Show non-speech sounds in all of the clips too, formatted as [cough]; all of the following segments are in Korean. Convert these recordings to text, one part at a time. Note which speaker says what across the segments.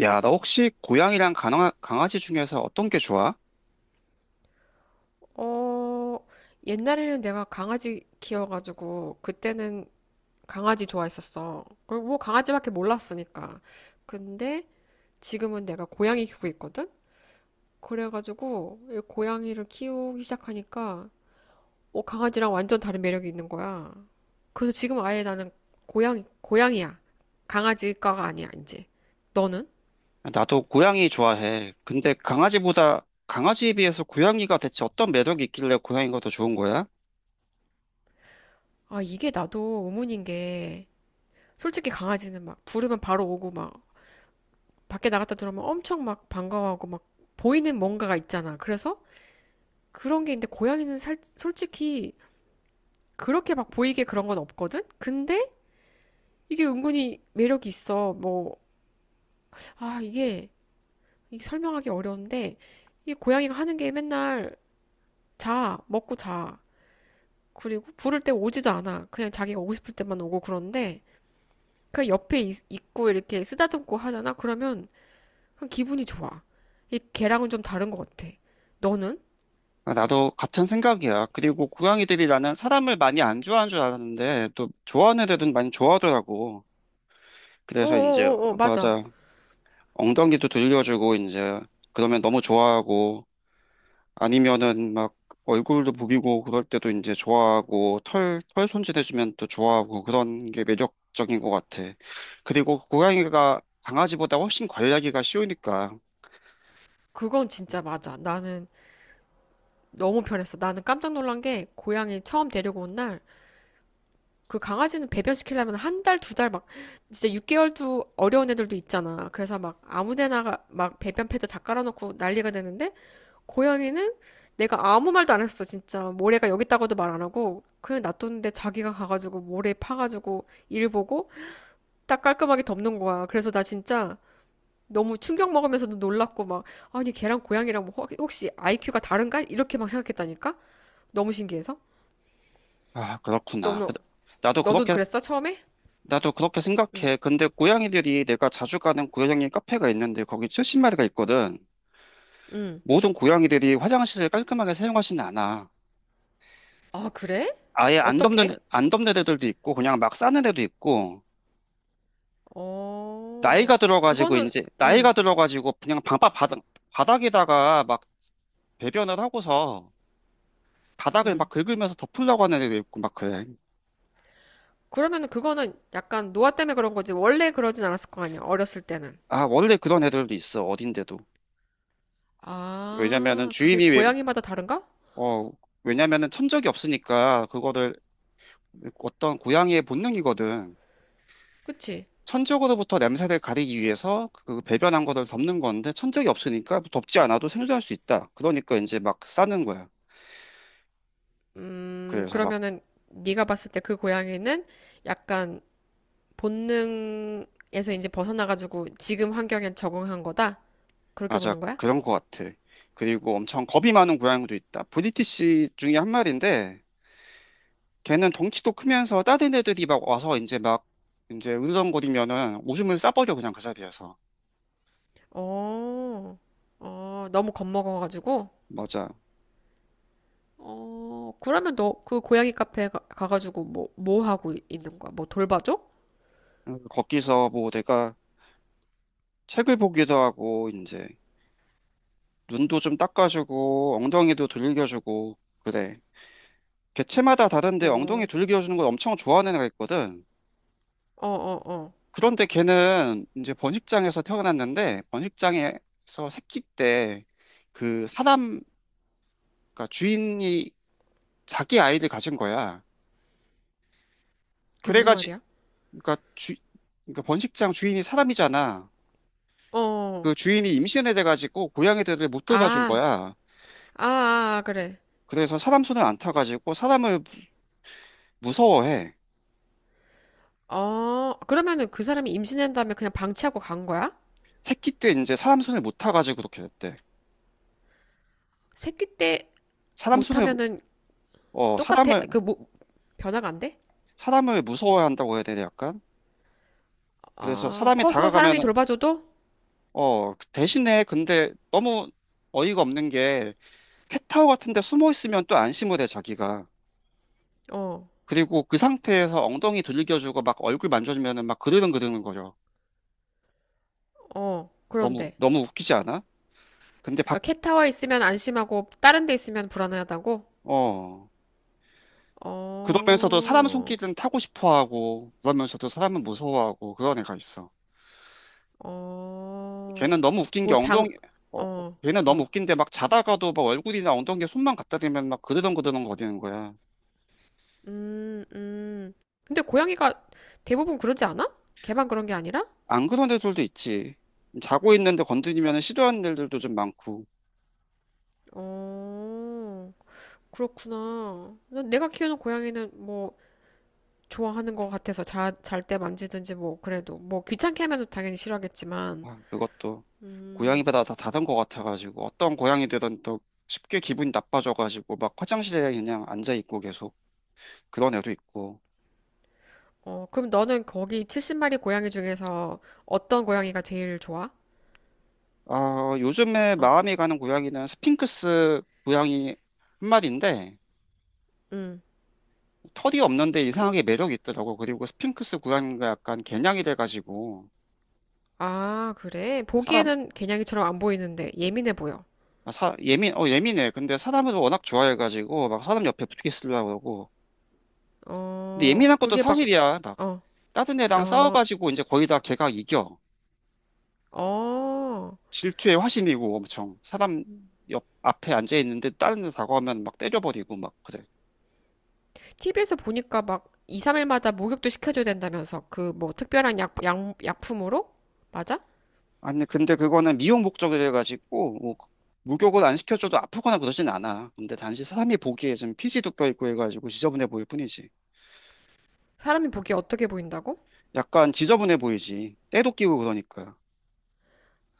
Speaker 1: 야, 너 혹시 고양이랑 강아지 중에서 어떤 게 좋아?
Speaker 2: 어, 옛날에는 내가 강아지 키워가지고, 그때는 강아지 좋아했었어. 그리고 뭐 강아지밖에 몰랐으니까. 근데 지금은 내가 고양이 키우고 있거든? 그래가지고, 이 고양이를 키우기 시작하니까, 강아지랑 완전 다른 매력이 있는 거야. 그래서 지금 아예 나는 고양이, 고양이야. 강아지과가 아니야, 이제. 너는?
Speaker 1: 나도 고양이 좋아해. 근데 강아지에 비해서 고양이가 대체 어떤 매력이 있길래 고양이가 더 좋은 거야?
Speaker 2: 아, 이게 나도 의문인 게, 솔직히 강아지는 막 부르면 바로 오고 막 밖에 나갔다 들어오면 엄청 막 반가워하고 막 보이는 뭔가가 있잖아. 그래서 그런 게 있는데 고양이는 솔직히 그렇게 막 보이게 그런 건 없거든? 근데 이게 은근히 매력이 있어. 뭐, 아, 이게, 이게 설명하기 어려운데 이 고양이가 하는 게 맨날 자, 먹고 자. 그리고 부를 때 오지도 않아. 그냥 자기가 오고 싶을 때만 오고 그런데 그냥 옆에 있고 이렇게 쓰다듬고 하잖아. 그러면 그냥 기분이 좋아. 이 걔랑은 좀 다른 것 같아. 너는?
Speaker 1: 아, 나도 같은 생각이야. 그리고 고양이들이 나는 사람을 많이 안 좋아하는 줄 알았는데, 또 좋아하는 애들은 많이 좋아하더라고. 그래서
Speaker 2: 오오오오 맞아.
Speaker 1: 맞아. 엉덩이도 들려주고, 이제, 그러면 너무 좋아하고, 아니면은 막 얼굴도 부비고 그럴 때도 이제 좋아하고 털 손질해주면 또 좋아하고 그런 게 매력적인 것 같아. 그리고 고양이가 강아지보다 훨씬 관리하기가 쉬우니까.
Speaker 2: 그건 진짜 맞아. 나는 너무 편했어. 나는 깜짝 놀란 게 고양이 처음 데리고 온 날 그 강아지는 배변시키려면 1달, 2달 막 진짜 6개월도 어려운 애들도 있잖아. 그래서 막 아무 데나 막 배변 패드 다 깔아놓고 난리가 되는데 고양이는 내가 아무 말도 안 했어. 진짜 모래가 여기 있다고도 말 안 하고 그냥 놔뒀는데 자기가 가가지고 모래 파가지고 일 보고 딱 깔끔하게 덮는 거야. 그래서 나 진짜 너무 충격 먹으면서도 놀랐고 막 아니 걔랑 고양이랑 뭐 시시 IQ가 다른가? 이렇게 막 생각했다니까? 너무 신기해서.
Speaker 1: 아, 그렇구나.
Speaker 2: 너는?
Speaker 1: 나도
Speaker 2: 너도
Speaker 1: 그렇게,
Speaker 2: 그랬어 처음에?
Speaker 1: 나도 그렇게 생각해. 근데 고양이들이 내가 자주 가는 고양이 카페가 있는데 거기 70마리가 있거든.
Speaker 2: 응.
Speaker 1: 모든 고양이들이 화장실을 깔끔하게 사용하지는 않아.
Speaker 2: 아, 그래?
Speaker 1: 아예
Speaker 2: 어떻게?
Speaker 1: 안 덮는 애들도 있고 그냥 막 싸는 애도 있고
Speaker 2: 어,
Speaker 1: 나이가 들어가지고
Speaker 2: 그거는. 응,
Speaker 1: 그냥 방바 바닥 바닥에다가 막 배변을 하고서 바닥을 막
Speaker 2: 응.
Speaker 1: 긁으면서 덮으려고 하는 애도 있고 막 그래.
Speaker 2: 그러면은 그거는 약간 노화 때문에 그런 거지 원래 그러진 않았을 거 아니야 어렸을 때는.
Speaker 1: 아, 원래 그런 애들도 있어 어딘데도. 왜냐면은
Speaker 2: 아, 그게
Speaker 1: 주인이 왜,
Speaker 2: 고양이마다 다른가?
Speaker 1: 어 왜냐면은 천적이 없으니까 그거를 어떤 고양이의 본능이거든.
Speaker 2: 그치?
Speaker 1: 천적으로부터 냄새를 가리기 위해서 그 배변한 거를 덮는 건데 천적이 없으니까 덮지 않아도 생존할 수 있다. 그러니까 이제 막 싸는 거야.
Speaker 2: 음,
Speaker 1: 그래서 막
Speaker 2: 그러면은 네가 봤을 때 그 고양이는 약간 본능에서 이제 벗어나가지고 지금 환경에 적응한 거다? 그렇게
Speaker 1: 맞아.
Speaker 2: 보는 거야?
Speaker 1: 그런 것 같아. 그리고 엄청 겁이 많은 고양이도 있다. 브리티시 중에 한 마리인데, 걔는 덩치도 크면서 다른 애들이 막 와서 이제 으르렁거리면은 오줌을 싸버려, 그냥 그 자리에서.
Speaker 2: 어, 어, 너무 겁먹어가지고?
Speaker 1: 맞아.
Speaker 2: 어, 그러면 너 그 고양이 카페 가가지고 뭐 하고 있는 거야? 뭐 돌봐줘?
Speaker 1: 거기서 뭐 내가 책을 보기도 하고, 이제 눈도 좀 닦아주고, 엉덩이도 두들겨주고, 그래. 개체마다 다른데 엉덩이
Speaker 2: 어,
Speaker 1: 두들겨주는 걸 엄청 좋아하는 애가 있거든.
Speaker 2: 어, 어, 어.
Speaker 1: 그런데 걔는 이제 번식장에서 태어났는데 번식장에서 새끼 때 그 사람 그러니까 주인이 자기 아이를 가진 거야.
Speaker 2: 그게 무슨
Speaker 1: 그래가지고
Speaker 2: 말이야?
Speaker 1: 그러니까 주 그러니까 번식장 주인이 사람이잖아.
Speaker 2: 어,
Speaker 1: 그 주인이 임신해 돼가지고 고양이들을 못 돌봐준
Speaker 2: 아,
Speaker 1: 거야.
Speaker 2: 아, 아, 아, 그래.
Speaker 1: 그래서 사람 손을 안 타가지고 사람을 무서워해.
Speaker 2: 어, 그러면은 그 사람이 임신한 다음에 그냥 방치하고 간 거야?
Speaker 1: 새끼 때 이제 사람 손을 못 타가지고 그렇게 됐대.
Speaker 2: 새끼 때
Speaker 1: 사람 손을
Speaker 2: 못하면은
Speaker 1: 어
Speaker 2: 똑같아.
Speaker 1: 사람을
Speaker 2: 그, 뭐, 변화가 안 돼?
Speaker 1: 사람을 무서워한다고 해야 되나 약간. 그래서
Speaker 2: 아,
Speaker 1: 사람이
Speaker 2: 커서 사람이
Speaker 1: 다가가면
Speaker 2: 돌봐줘도?
Speaker 1: 그 대신에 근데 너무 어이가 없는 게 캣타워 같은 데 숨어 있으면 또 안심을 해, 자기가.
Speaker 2: 어,
Speaker 1: 그리고 그 상태에서 엉덩이 들겨주고 막 얼굴 만져주면은 막 그르릉그르는 거려.
Speaker 2: 어,
Speaker 1: 너무,
Speaker 2: 그런데.
Speaker 1: 너무 웃기지 않아? 근데
Speaker 2: 그러니까
Speaker 1: 밖,
Speaker 2: 캣타워 있으면 안심하고 다른 데 있으면 불안하다고?
Speaker 1: 어, 그러면서도 사람
Speaker 2: 어,
Speaker 1: 손길은 타고 싶어 하고, 그러면서도 사람은 무서워하고 그런 애가 있어. 걔는
Speaker 2: 어,
Speaker 1: 너무 웃긴 게
Speaker 2: 뭐
Speaker 1: 엉덩이, 어,
Speaker 2: 어,
Speaker 1: 걔는 너무
Speaker 2: 어,
Speaker 1: 웃긴데 막 자다가도 막 얼굴이나 엉덩이에 손만 갖다 대면 막 그르렁그르렁 거리는 거야.
Speaker 2: 음, 음. 근데 고양이가 대부분 그러지 않아? 걔만 그런 게 아니라?
Speaker 1: 안 그런 애들도 있지. 자고 있는데 건드리면 시도하는 애들도 좀 많고.
Speaker 2: 어, 그렇구나. 난 내가 키우는 고양이는 뭐 좋아하는 것 같아서 잘때 만지든지 뭐 그래도 뭐 귀찮게 하면 당연히 싫어하겠지만,
Speaker 1: 아, 그것도
Speaker 2: 음.
Speaker 1: 고양이마다 다 다른 것 같아가지고 어떤 고양이들은 또 쉽게 기분이 나빠져가지고 막 화장실에 그냥 앉아 있고 계속 그런 애도 있고.
Speaker 2: 어, 그럼 너는 거기 70마리 고양이 중에서 어떤 고양이가 제일 좋아?
Speaker 1: 아, 요즘에
Speaker 2: 어,
Speaker 1: 마음이 가는 고양이는 스핑크스 고양이 한 마리인데
Speaker 2: 음.
Speaker 1: 털이 없는데
Speaker 2: 그,
Speaker 1: 이상하게 매력이 있더라고. 그리고 스핑크스 고양이가 약간 개냥이 돼가지고
Speaker 2: 아, 그래?
Speaker 1: 사람
Speaker 2: 보기에는 개냥이처럼 안 보이는데 예민해 보여.
Speaker 1: 아, 사, 예민, 어, 예민해. 근데 사람을 워낙 좋아해가지고, 막 사람 옆에 붙게 쓰려고 그러고, 근데
Speaker 2: 어,
Speaker 1: 예민한 것도
Speaker 2: 그게 막,
Speaker 1: 사실이야. 막
Speaker 2: 어,
Speaker 1: 다른 애랑
Speaker 2: 어,
Speaker 1: 싸워가지고 이제 거의 다 걔가 이겨.
Speaker 2: 어.
Speaker 1: 질투의 화신이고 엄청 사람 옆 앞에 앉아 있는데 다른 애 다가오면 막 때려버리고 막 그래.
Speaker 2: TV에서 보니까 막 2, 3일마다 목욕도 시켜줘야 된다면서 그 뭐 특별한 약품으로? 맞아?
Speaker 1: 아니 근데 그거는 미용 목적으로 해가지고 목욕을 안 시켜줘도 아프거나 그러진 않아. 근데 단지 사람이 보기에 좀 피지도 껴있고 해가지고 지저분해 보일 뿐이지.
Speaker 2: 사람이 보기에 어떻게 보인다고?
Speaker 1: 약간 지저분해 보이지. 때도 끼고 그러니까.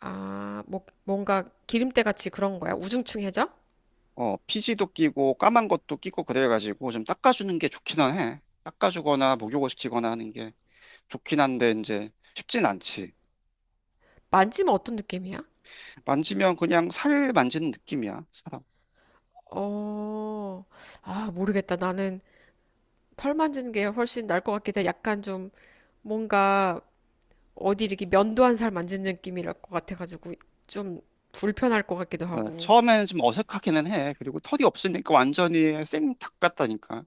Speaker 2: 아, 뭐, 뭔가 기름때 같이 그런 거야? 우중충해져?
Speaker 1: 어, 피지도 끼고 까만 것도 끼고 그래가지고 좀 닦아주는 게 좋기는 해. 닦아주거나 목욕을 시키거나 하는 게. 좋긴 한데 이제 쉽진 않지.
Speaker 2: 만지면 어떤 느낌이야?
Speaker 1: 만지면 그냥 살 만지는 느낌이야, 사람.
Speaker 2: 어, 아, 모르겠다. 나는 털 만지는 게 훨씬 나을 것 같긴 해. 약간 좀 뭔가 어디 이렇게 면도한 살 만지는 느낌이랄 것 같아가지고 좀 불편할 것 같기도
Speaker 1: 어,
Speaker 2: 하고.
Speaker 1: 처음에는 좀 어색하기는 해. 그리고 털이 없으니까 완전히 생닭 같다니까.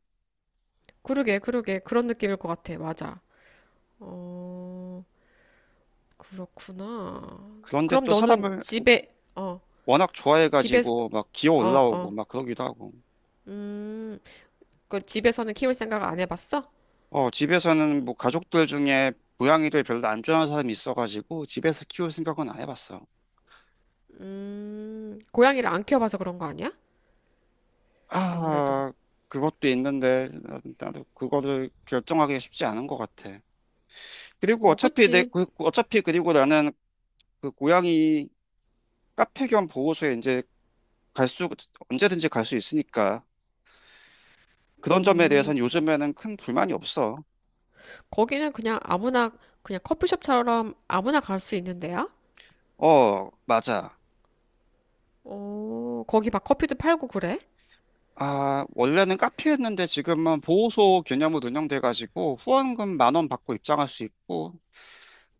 Speaker 2: 그러게, 그러게. 그런 느낌일 것 같아. 맞아. 어, 그렇구나.
Speaker 1: 그런데
Speaker 2: 그럼
Speaker 1: 또
Speaker 2: 너는
Speaker 1: 사람을
Speaker 2: 집에, 어,
Speaker 1: 워낙
Speaker 2: 집에,
Speaker 1: 좋아해가지고 막 기어
Speaker 2: 어,
Speaker 1: 올라오고
Speaker 2: 어.
Speaker 1: 막 그러기도 하고.
Speaker 2: 음, 그 집에서는 키울 생각 안 해봤어?
Speaker 1: 어, 집에서는 뭐 가족들 중에 고양이를 별로 안 좋아하는 사람이 있어가지고 집에서 키울 생각은 안 해봤어.
Speaker 2: 고양이를 안 키워봐서 그런 거 아니야? 아무래도.
Speaker 1: 아, 그것도 있는데 나도 그거를 결정하기가 쉽지 않은 것 같아. 그리고
Speaker 2: 어, 그치.
Speaker 1: 어차피 그리고 나는 그 고양이 카페 겸 보호소에 이제 갈 수, 언제든지 갈 수 있으니까 그런 점에
Speaker 2: 음,
Speaker 1: 대해서는 요즘에는 큰 불만이 없어.
Speaker 2: 거기는 그냥 커피숍처럼 아무나 갈 수 있는데요?
Speaker 1: 어, 맞아.
Speaker 2: 어, 거기 막 커피도 팔고 그래?
Speaker 1: 아, 원래는 카페였는데 지금은 보호소 개념으로 운영돼가지고 후원금 10,000원 받고 입장할 수 있고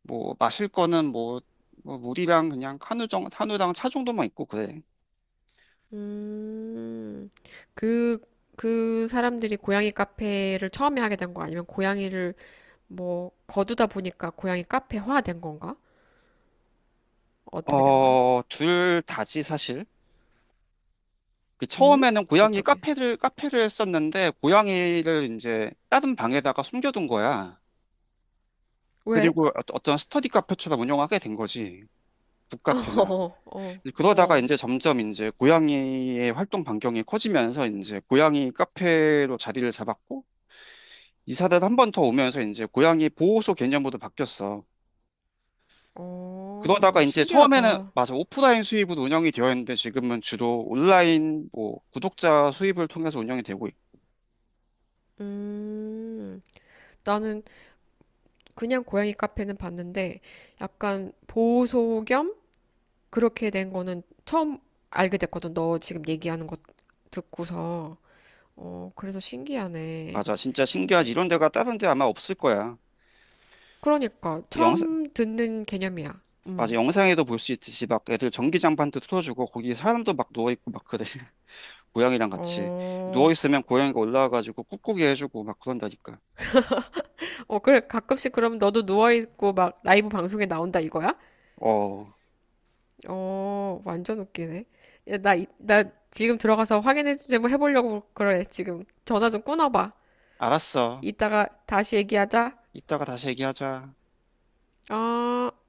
Speaker 1: 뭐 마실 거는 뭐, 뭐 물이랑 그냥 한우랑 차 정도만 있고 그래.
Speaker 2: 음, 그, 그, 사람들이 고양이 카페를 처음에 하게 된거 아니면 고양이를 뭐 거두다 보니까 고양이 카페화 된 건가? 어떻게 된 거야?
Speaker 1: 어, 둘 다지 사실. 그
Speaker 2: 음?
Speaker 1: 처음에는 고양이
Speaker 2: 어떻게?
Speaker 1: 카페를 카페를 었는데 고양이를 이제 다른 방에다가 숨겨둔 거야.
Speaker 2: 왜?
Speaker 1: 그리고 어떤 스터디 카페처럼 운영하게 된 거지.
Speaker 2: [laughs]
Speaker 1: 북카페나.
Speaker 2: 어, 어,
Speaker 1: 그러다가
Speaker 2: 어,
Speaker 1: 이제 점점 고양이의 활동 반경이 커지면서 이제 고양이 카페로 자리를 잡았고, 이사를 한 번 더 오면서 이제 고양이 보호소 개념으로 바뀌었어. 그러다가
Speaker 2: 어,
Speaker 1: 이제 처음에는
Speaker 2: 신기하다.
Speaker 1: 맞아 오프라인 수입으로 운영이 되어 있는데 지금은 주로 온라인 뭐 구독자 수입을 통해서 운영이 되고 있-
Speaker 2: 음, 나는 그냥 고양이 카페는 봤는데 약간 보호소 겸 그렇게 된 거는 처음 알게 됐거든. 너 지금 얘기하는 거 듣고서. 어, 그래서 신기하네.
Speaker 1: 맞아 진짜 신기하지
Speaker 2: 어,
Speaker 1: 이런 데가 다른 데 아마 없을 거야.
Speaker 2: 그러니까
Speaker 1: 영상
Speaker 2: 처음 듣는 개념이야.
Speaker 1: 맞아
Speaker 2: 음.
Speaker 1: 영상에도 볼 수 있듯이 막 애들 전기장판도 틀어주고 거기 사람도 막 누워 있고 막 그래. 고양이랑 같이
Speaker 2: 어,
Speaker 1: 누워 있으면 고양이가 올라와가지고 꾹꾹이 해주고 막 그런다니까.
Speaker 2: 어, 그래. 가끔씩 그럼 너도 누워있고 막 라이브 방송에 나온다 이거야?
Speaker 1: 어,
Speaker 2: 어, 완전 웃기네. 야, 나 지금 들어가서 확인해 주제 뭐 해보려고 그래. 지금 전화 좀 끊어봐.
Speaker 1: 알았어.
Speaker 2: 이따가 다시 얘기하자.
Speaker 1: 이따가 다시 얘기하자.
Speaker 2: 어.